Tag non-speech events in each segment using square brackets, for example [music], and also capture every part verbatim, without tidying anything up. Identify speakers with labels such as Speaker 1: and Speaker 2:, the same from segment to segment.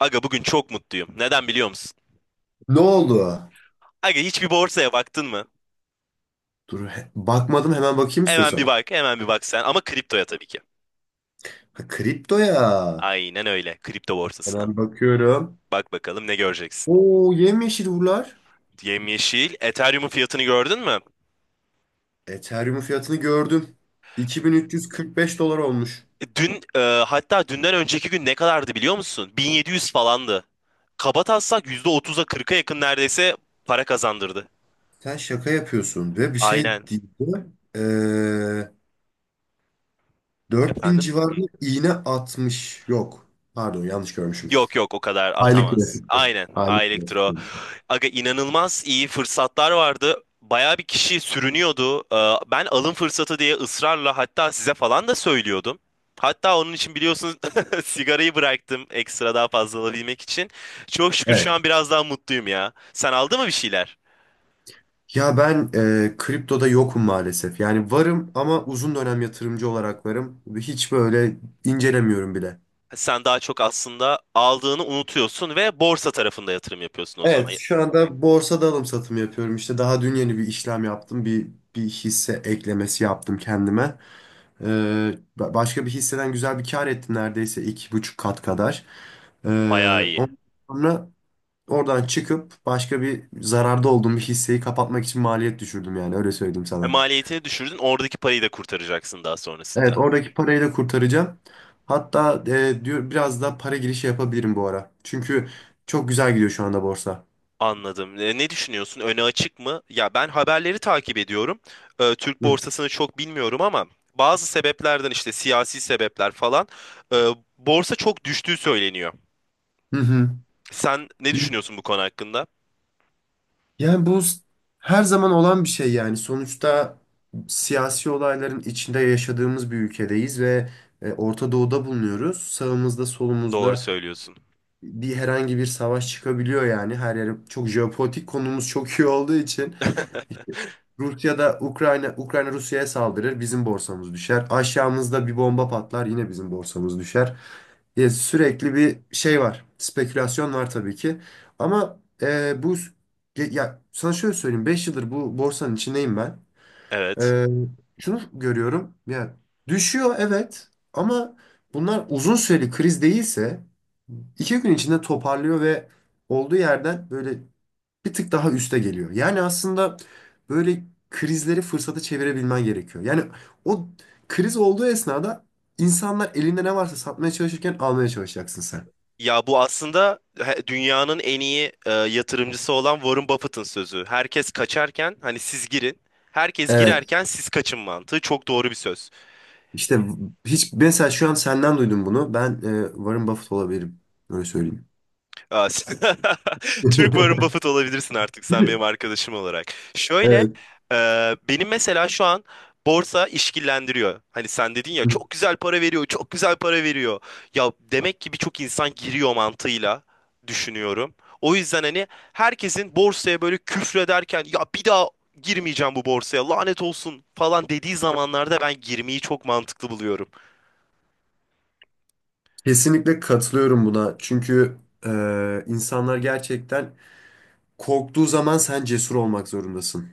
Speaker 1: Aga bugün çok mutluyum. Neden biliyor musun?
Speaker 2: Ne oldu?
Speaker 1: Aga hiçbir borsaya baktın mı?
Speaker 2: Dur he- bakmadım hemen bakayım
Speaker 1: Hemen bir
Speaker 2: istiyorsan.
Speaker 1: bak, hemen bir bak sen. Ama kriptoya tabii ki.
Speaker 2: Ha, kripto ya.
Speaker 1: Aynen öyle. Kripto borsasına.
Speaker 2: Hemen bakıyorum.
Speaker 1: Bak bakalım ne göreceksin.
Speaker 2: Oo yemyeşil buralar.
Speaker 1: Yemyeşil. Ethereum'un fiyatını gördün mü?
Speaker 2: Ethereum fiyatını gördüm. iki bin üç yüz kırk beş dolar olmuş.
Speaker 1: E, Dün, e, Hatta dünden önceki gün ne kadardı biliyor musun? bin yedi yüz falandı. Kabataslak yüzde otuza kırka yakın neredeyse para kazandırdı.
Speaker 2: Sen şaka yapıyorsun ve bir şey
Speaker 1: Aynen.
Speaker 2: değil de ee, dört bin
Speaker 1: Efendim?
Speaker 2: civarında iğne atmış. Yok. Pardon yanlış görmüşüm.
Speaker 1: Yok yok o kadar
Speaker 2: Aylık
Speaker 1: atamaz.
Speaker 2: grafikte.
Speaker 1: Aynen.
Speaker 2: Aylık grafikte.
Speaker 1: Elektro. Aga inanılmaz iyi fırsatlar vardı. Baya bir kişi sürünüyordu. Ee, Ben alın fırsatı diye ısrarla hatta size falan da söylüyordum. Hatta onun için biliyorsunuz [laughs] sigarayı bıraktım ekstra daha fazla alabilmek için. Çok şükür şu
Speaker 2: Evet.
Speaker 1: an biraz daha mutluyum ya. Sen aldı mı bir şeyler?
Speaker 2: Ya ben e, kriptoda yokum maalesef. Yani varım ama uzun dönem yatırımcı olarak varım. Hiç böyle incelemiyorum bile.
Speaker 1: Sen daha çok aslında aldığını unutuyorsun ve borsa tarafında yatırım yapıyorsun o zaman.
Speaker 2: Evet, şu anda borsada alım satım yapıyorum. İşte daha dün yeni bir işlem yaptım. Bir bir hisse eklemesi yaptım kendime. E, ba- Başka bir hisseden güzel bir kar ettim, neredeyse iki buçuk kat kadar. E,
Speaker 1: Bayağı iyi.
Speaker 2: Ondan sonra oradan çıkıp başka bir zararda olduğum bir hisseyi kapatmak için maliyet düşürdüm, yani öyle söyleyeyim
Speaker 1: Ve
Speaker 2: sana.
Speaker 1: maliyetini düşürdün, oradaki parayı da kurtaracaksın daha
Speaker 2: Evet,
Speaker 1: sonrasında.
Speaker 2: oradaki parayı da kurtaracağım. Hatta e, diyor biraz da para girişi yapabilirim bu ara. Çünkü çok güzel gidiyor şu anda borsa.
Speaker 1: Anladım. E, Ne düşünüyorsun? Öne açık mı? Ya ben haberleri takip ediyorum. E, Türk
Speaker 2: Hı
Speaker 1: borsasını çok bilmiyorum ama bazı sebeplerden işte siyasi sebepler falan e, borsa çok düştüğü söyleniyor.
Speaker 2: hı. Hı.
Speaker 1: Sen ne düşünüyorsun bu konu hakkında?
Speaker 2: Yani bu s- her zaman olan bir şey yani. Sonuçta siyasi olayların içinde yaşadığımız bir ülkedeyiz ve e, Orta Doğu'da bulunuyoruz. Sağımızda
Speaker 1: Doğru
Speaker 2: solumuzda
Speaker 1: söylüyorsun.
Speaker 2: bir herhangi bir savaş çıkabiliyor yani. Her yere çok, jeopolitik konumuz çok iyi olduğu için. Rusya'da Ukrayna Ukrayna Rusya'ya saldırır, bizim borsamız düşer. Aşağımızda bir bomba patlar, yine bizim borsamız düşer. Ya sürekli bir şey var. Spekülasyon var tabii ki. Ama e, bu ge- ya sana şöyle söyleyeyim. Beş yıldır bu borsanın içindeyim ben.
Speaker 1: Evet.
Speaker 2: E, Şunu görüyorum. Ya düşüyor evet, ama bunlar uzun süreli kriz değilse iki gün içinde toparlıyor ve olduğu yerden böyle bir tık daha üste geliyor. Yani aslında böyle krizleri fırsata çevirebilmen gerekiyor. Yani o kriz olduğu esnada insanlar elinde ne varsa satmaya çalışırken almaya çalışacaksın sen.
Speaker 1: Ya bu aslında he- dünyanın en iyi e, yatırımcısı olan Warren Buffett'ın sözü. Herkes kaçarken hani siz girin. Herkes
Speaker 2: Evet.
Speaker 1: girerken siz kaçın mantığı çok doğru bir söz.
Speaker 2: İşte hiç mesela şu an senden duydum bunu. Ben e, Warren Buffett olabilirim. Öyle söyleyeyim.
Speaker 1: Aa, sen- [laughs] Türk Warren
Speaker 2: [laughs]
Speaker 1: Buffett olabilirsin artık sen benim arkadaşım olarak. Şöyle
Speaker 2: Evet.
Speaker 1: e, benim mesela şu an borsa işkillendiriyor. Hani sen dedin ya çok güzel para veriyor, çok güzel para veriyor. Ya demek ki birçok insan giriyor mantığıyla düşünüyorum. O yüzden hani herkesin borsaya böyle küfrederken ya bir daha girmeyeceğim bu borsaya lanet olsun falan dediği zamanlarda ben girmeyi çok mantıklı buluyorum.
Speaker 2: Kesinlikle katılıyorum buna. Çünkü e, insanlar gerçekten korktuğu zaman sen cesur olmak zorundasın.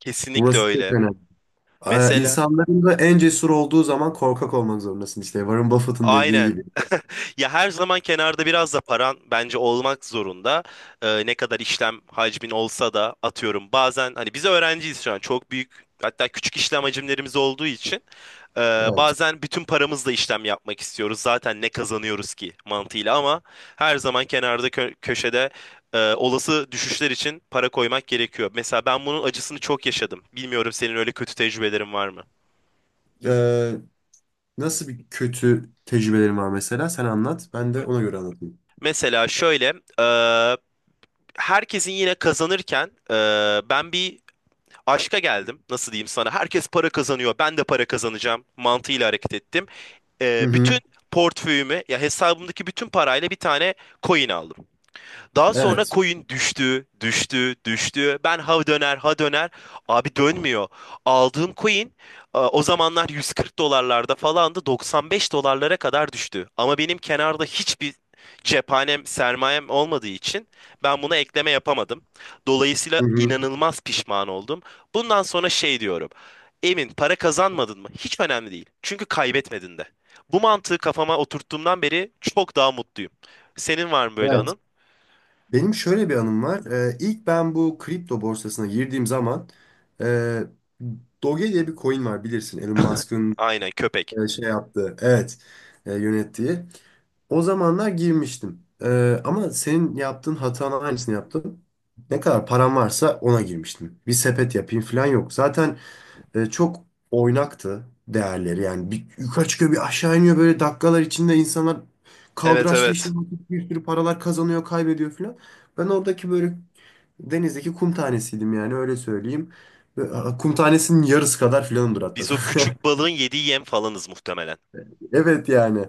Speaker 1: Kesinlikle
Speaker 2: Burası çok
Speaker 1: öyle.
Speaker 2: önemli. Ee,
Speaker 1: Mesela
Speaker 2: İnsanların da en cesur olduğu zaman korkak olmak zorundasın işte. Warren Buffett'ın dediği gibi.
Speaker 1: aynen. Ya her zaman kenarda biraz da paran bence olmak zorunda. Ee, ne kadar işlem hacmin olsa da atıyorum bazen hani biz öğrenciyiz şu an çok büyük hatta küçük işlem hacimlerimiz olduğu için e,
Speaker 2: Evet.
Speaker 1: bazen bütün paramızla işlem yapmak istiyoruz. Zaten ne kazanıyoruz ki mantığıyla ama her zaman kenarda kö- köşede e, olası düşüşler için para koymak gerekiyor. Mesela ben bunun acısını çok yaşadım. Bilmiyorum senin öyle kötü tecrübelerin var mı?
Speaker 2: Ee, Nasıl bir kötü tecrübelerin var mesela? Sen anlat. Ben de
Speaker 1: Me-
Speaker 2: ona göre anlatayım.
Speaker 1: Mesela şöyle, e, herkesin yine kazanırken e, ben bir aşka geldim. Nasıl diyeyim sana? Herkes para kazanıyor. Ben de para kazanacağım mantığıyla hareket ettim.
Speaker 2: Hı
Speaker 1: E,
Speaker 2: hı.
Speaker 1: bütün portföyümü ya hesabımdaki bütün parayla bir tane coin aldım. Daha sonra
Speaker 2: Evet.
Speaker 1: coin düştü, düştü, düştü. Ben ha döner, ha döner. Abi dönmüyor. Aldığım coin e, o zamanlar yüz kırk dolarlarda falandı. doksan beş dolarlara kadar düştü. Ama benim kenarda hiçbir cephanem, sermayem olmadığı için ben buna ekleme yapamadım. Dolayısıyla
Speaker 2: Hı hı.
Speaker 1: inanılmaz pişman oldum. Bundan sonra şey diyorum. Emin para kazanmadın mı? Hiç önemli değil. Çünkü kaybetmedin de. Bu mantığı kafama oturttuğumdan beri çok daha mutluyum. Senin var mı böyle
Speaker 2: Evet.
Speaker 1: anın?
Speaker 2: Benim şöyle bir anım var. Ee, ilk ben bu kripto borsasına girdiğim zaman e, Doge diye bir coin var bilirsin. Elon Musk'ın
Speaker 1: Aynen köpek.
Speaker 2: e, şey yaptığı. Evet. E, yönettiği. O zamanlar girmiştim. Ee, ama senin yaptığın hatanın aynısını yaptım. Ne kadar param varsa ona girmiştim. Bir sepet yapayım falan yok. Zaten e, çok oynaktı değerleri. Yani bir yukarı çıkıyor bir aşağı iniyor, böyle dakikalar içinde insanlar
Speaker 1: Evet,
Speaker 2: kaldıraçlı
Speaker 1: evet.
Speaker 2: işlem yapıp bir sürü paralar kazanıyor, kaybediyor falan. Ben oradaki böyle denizdeki kum tanesiydim, yani öyle söyleyeyim. Ve, a, kum tanesinin yarısı kadar filanımdır hatta.
Speaker 1: Biz o
Speaker 2: [laughs]
Speaker 1: küçük balığın yediği yem falanız muhtemelen.
Speaker 2: Evet yani.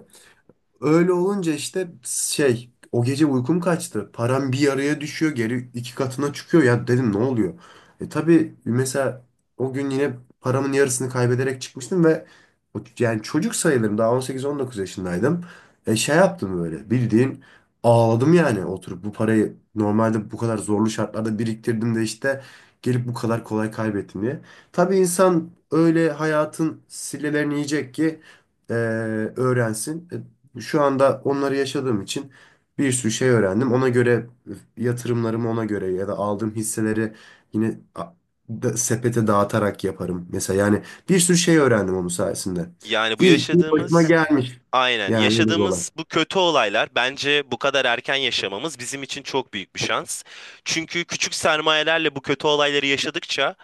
Speaker 2: Öyle olunca işte şey, o gece uykum kaçtı. Param bir yarıya düşüyor, geri iki katına çıkıyor. Ya dedim, ne oluyor? E tabii mesela o gün yine paramın yarısını kaybederek çıkmıştım ve o- yani çocuk sayılırım, daha on sekiz on dokuz yaşındaydım. E şey yaptım, böyle bildiğin ağladım yani, oturup bu parayı normalde bu kadar zorlu şartlarda biriktirdim de işte gelip bu kadar kolay kaybettim diye. Tabii insan öyle hayatın sillelerini yiyecek ki e, öğrensin. E şu anda onları yaşadığım için bir sürü şey öğrendim. Ona göre yatırımlarımı, ona göre ya da aldığım hisseleri yine a- da- sepete dağıtarak yaparım. Mesela yani bir sürü şey öğrendim onun sayesinde.
Speaker 1: Yani bu
Speaker 2: İyi ki başıma
Speaker 1: yaşadığımız
Speaker 2: gelmiş.
Speaker 1: Aynen.
Speaker 2: Yani öyle bir olay.
Speaker 1: Yaşadığımız bu kötü olaylar bence bu kadar erken yaşamamız bizim için çok büyük bir şans. Çünkü küçük sermayelerle bu kötü olayları yaşadıkça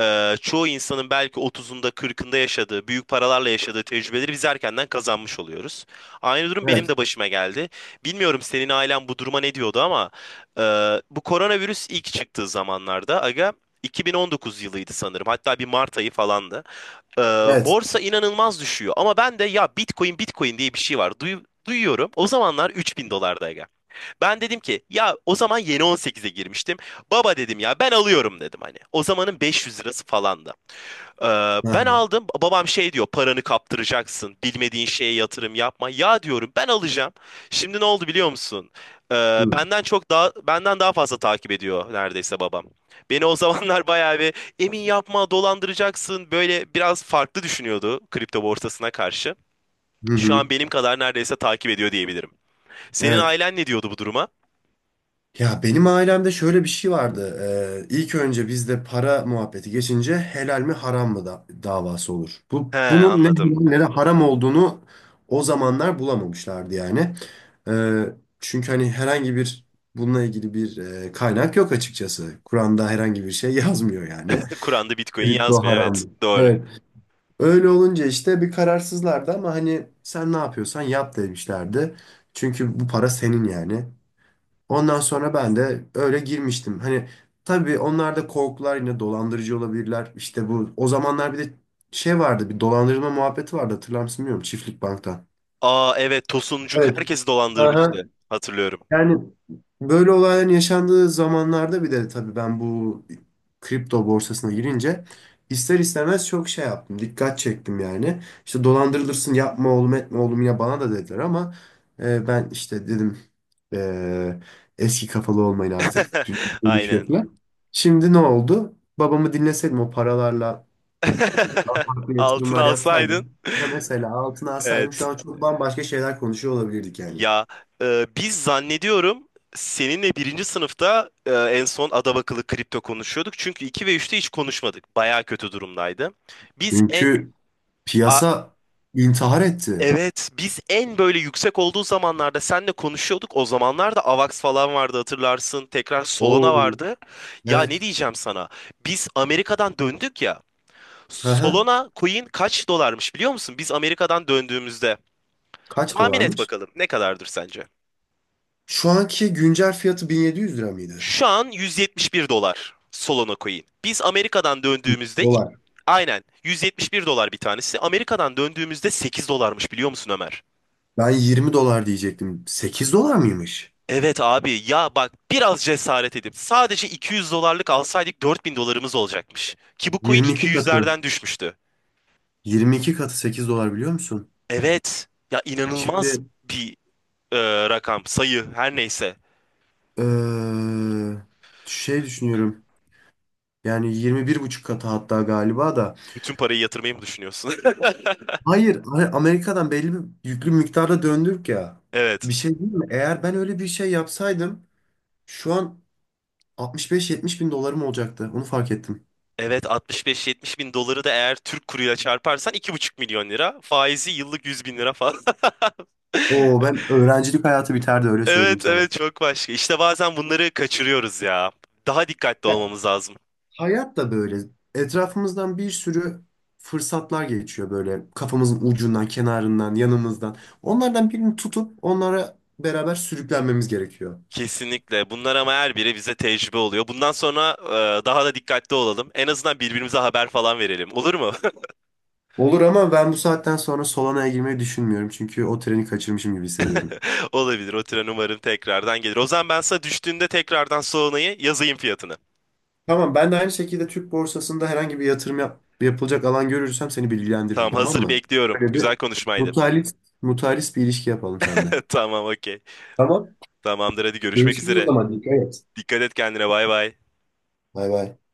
Speaker 1: e, çoğu insanın belki otuzunda kırkında yaşadığı, büyük paralarla yaşadığı tecrübeleri biz erkenden kazanmış oluyoruz. Aynı durum benim
Speaker 2: Evet.
Speaker 1: de başıma geldi. Bilmiyorum senin ailen bu duruma ne diyordu ama e, bu koronavirüs ilk çıktığı zamanlarda aga iki bin on dokuz yılıydı sanırım. Hatta bir Mart ayı falandı. Ee,
Speaker 2: Evet.
Speaker 1: borsa inanılmaz düşüyor. Ama ben de ya Bitcoin Bitcoin diye bir şey var. Duyu- duyuyorum. O zamanlar üç bin dolardayken. Ben dedim ki ya o zaman yeni on sekize girmiştim. Baba dedim ya ben alıyorum dedim hani. O zamanın beş yüz lirası falandı. Ee,
Speaker 2: Hı
Speaker 1: ben
Speaker 2: hı.
Speaker 1: aldım. Babam şey diyor, paranı kaptıracaksın. Bilmediğin şeye yatırım yapma. Ya diyorum, ben alacağım. Şimdi ne oldu biliyor musun? Ee, benden çok daha benden daha fazla takip ediyor neredeyse babam. Beni o zamanlar [laughs] bayağı bir emin yapma, dolandıracaksın. Böyle biraz farklı düşünüyordu kripto borsasına karşı.
Speaker 2: Hı
Speaker 1: Şu an
Speaker 2: hı.
Speaker 1: benim kadar neredeyse takip ediyor diyebilirim. Senin
Speaker 2: Evet.
Speaker 1: ailen ne diyordu bu duruma?
Speaker 2: Ya benim ailemde şöyle bir şey vardı. Ee, ilk önce bizde para muhabbeti geçince helal mi haram mı da davası olur.
Speaker 1: He,
Speaker 2: Bu bunun ne helal
Speaker 1: anladım.
Speaker 2: ne de haram olduğunu o zamanlar bulamamışlardı yani. Ee, Çünkü hani herhangi bir, bununla ilgili bir e, kaynak yok açıkçası. Kur'an'da herhangi bir şey [laughs] yazmıyor yani.
Speaker 1: [laughs] Kur'an'da Bitcoin
Speaker 2: Kripto
Speaker 1: yazmıyor,
Speaker 2: haram
Speaker 1: evet.
Speaker 2: mı?
Speaker 1: Doğru.
Speaker 2: Evet. Öyle olunca işte bir kararsızlardı, ama hani sen ne yapıyorsan yap demişlerdi. Çünkü bu para senin yani. Ondan sonra ben de öyle girmiştim. Hani tabii onlar da korkular, yine dolandırıcı olabilirler. İşte bu, o zamanlar bir de şey vardı, bir dolandırılma muhabbeti vardı, hatırlar mısın bilmiyorum, Çiftlik Bank'tan.
Speaker 1: Aa, evet, Tosuncuk
Speaker 2: Evet.
Speaker 1: herkesi
Speaker 2: Aha.
Speaker 1: dolandırmıştı. Hatırlıyorum.
Speaker 2: Yani böyle olayların yaşandığı zamanlarda bir de tabii ben bu kripto borsasına girince ister istemez çok şey yaptım. Dikkat çektim yani. İşte dolandırılırsın, yapma oğlum, etme oğlum, ya bana da dediler, ama e, ben işte dedim e, eski kafalı olmayın artık, dünya
Speaker 1: [laughs] Aynen.
Speaker 2: değişiyor falan. Şimdi ne oldu? Babamı dinleseydim o paralarla
Speaker 1: [laughs]
Speaker 2: farklı
Speaker 1: Altın
Speaker 2: yatırımlar
Speaker 1: alsaydın.
Speaker 2: yapsaydım. Ya mesela altına alsaydım şu
Speaker 1: Evet.
Speaker 2: an çok bambaşka şeyler konuşuyor olabilirdik yani.
Speaker 1: Ya e, biz zannediyorum seninle birinci sınıfta e, en son adabakılı kripto konuşuyorduk. Çünkü iki ve üçte hiç konuşmadık. Baya kötü durumdaydı. Biz en
Speaker 2: Çünkü
Speaker 1: a-
Speaker 2: piyasa intihar etti.
Speaker 1: evet, biz en böyle yüksek olduğu zamanlarda seninle konuşuyorduk. O zamanlarda Avax falan vardı hatırlarsın. Tekrar Solana
Speaker 2: Oo.
Speaker 1: vardı. Ya ne
Speaker 2: Evet.
Speaker 1: diyeceğim sana? Biz Amerika'dan döndük ya.
Speaker 2: Aha.
Speaker 1: Solana coin kaç dolarmış biliyor musun? Biz Amerika'dan döndüğümüzde.
Speaker 2: Kaç
Speaker 1: Tahmin et
Speaker 2: dolarmış?
Speaker 1: bakalım ne kadardır sence?
Speaker 2: Şu anki güncel fiyatı bin yedi yüz lira mıydı?
Speaker 1: Şu an yüz yetmiş bir dolar Solana coin. Biz Amerika'dan döndüğümüzde ilk-
Speaker 2: Dolar.
Speaker 1: aynen yüz yetmiş bir dolar bir tanesi. Amerika'dan döndüğümüzde sekiz dolarmış biliyor musun Ömer?
Speaker 2: Ben yirmi dolar diyecektim. sekiz dolar mıymış?
Speaker 1: Evet abi ya bak biraz cesaret edip sadece iki yüz dolarlık alsaydık dört bin dolarımız olacakmış. Ki bu coin
Speaker 2: yirmi iki katı.
Speaker 1: iki yüzlerden düşmüştü.
Speaker 2: yirmi iki katı sekiz dolar biliyor musun?
Speaker 1: Evet ya inanılmaz
Speaker 2: Şimdi
Speaker 1: bir e, rakam sayı her neyse.
Speaker 2: eee, şey düşünüyorum. Yani yirmi bir buçuk katı hatta galiba da.
Speaker 1: Bütün parayı yatırmayı mı düşünüyorsun? [laughs]
Speaker 2: Hayır, hani Amerika'dan belli bir yüklü miktarda döndük ya.
Speaker 1: Evet.
Speaker 2: Bir şey değil mi? Eğer ben öyle bir şey yapsaydım şu an altmış beş yetmiş bin dolarım olacaktı. Onu fark ettim.
Speaker 1: Evet altmış beş yetmiş bin doları da eğer Türk kuruyla çarparsan iki buçuk milyon lira. Faizi yıllık yüz bin lira falan. [laughs]
Speaker 2: Oo, ben öğrencilik hayatı biterdi, öyle söyleyeyim
Speaker 1: Evet,
Speaker 2: sana.
Speaker 1: evet, çok başka. İşte bazen bunları kaçırıyoruz ya. Daha dikkatli
Speaker 2: Ya,
Speaker 1: olmamız lazım.
Speaker 2: hayat da böyle. Etrafımızdan bir sürü fırsatlar geçiyor, böyle kafamızın ucundan, kenarından, yanımızdan. Onlardan birini tutup onlara beraber sürüklenmemiz gerekiyor.
Speaker 1: Kesinlikle. Bunlar ama her biri bize tecrübe oluyor. Bundan sonra e, daha da dikkatli olalım. En azından birbirimize haber falan verelim. Olur mu?
Speaker 2: Olur, ama ben bu saatten sonra Solana'ya girmeyi düşünmüyorum. Çünkü o treni kaçırmışım gibi hissediyorum.
Speaker 1: [laughs] Olabilir. O tren umarım tekrardan gelir. O zaman ben sana düştüğünde tekrardan sonrayı yazayım fiyatını.
Speaker 2: Tamam, ben de aynı şekilde Türk borsasında herhangi bir yatırım yap- yapılacak alan görürsem seni bilgilendiririm,
Speaker 1: Tamam
Speaker 2: tamam
Speaker 1: hazır
Speaker 2: mı?
Speaker 1: bekliyorum.
Speaker 2: Böyle
Speaker 1: Güzel
Speaker 2: bir
Speaker 1: konuşmaydı.
Speaker 2: mutualist, mutualist bir ilişki yapalım seninle.
Speaker 1: [laughs] Tamam okey.
Speaker 2: Tamam.
Speaker 1: Tamamdır hadi görüşmek
Speaker 2: Görüşürüz o
Speaker 1: üzere.
Speaker 2: zaman. Dikkat et.
Speaker 1: Dikkat et kendine bay bay.
Speaker 2: Bay bay.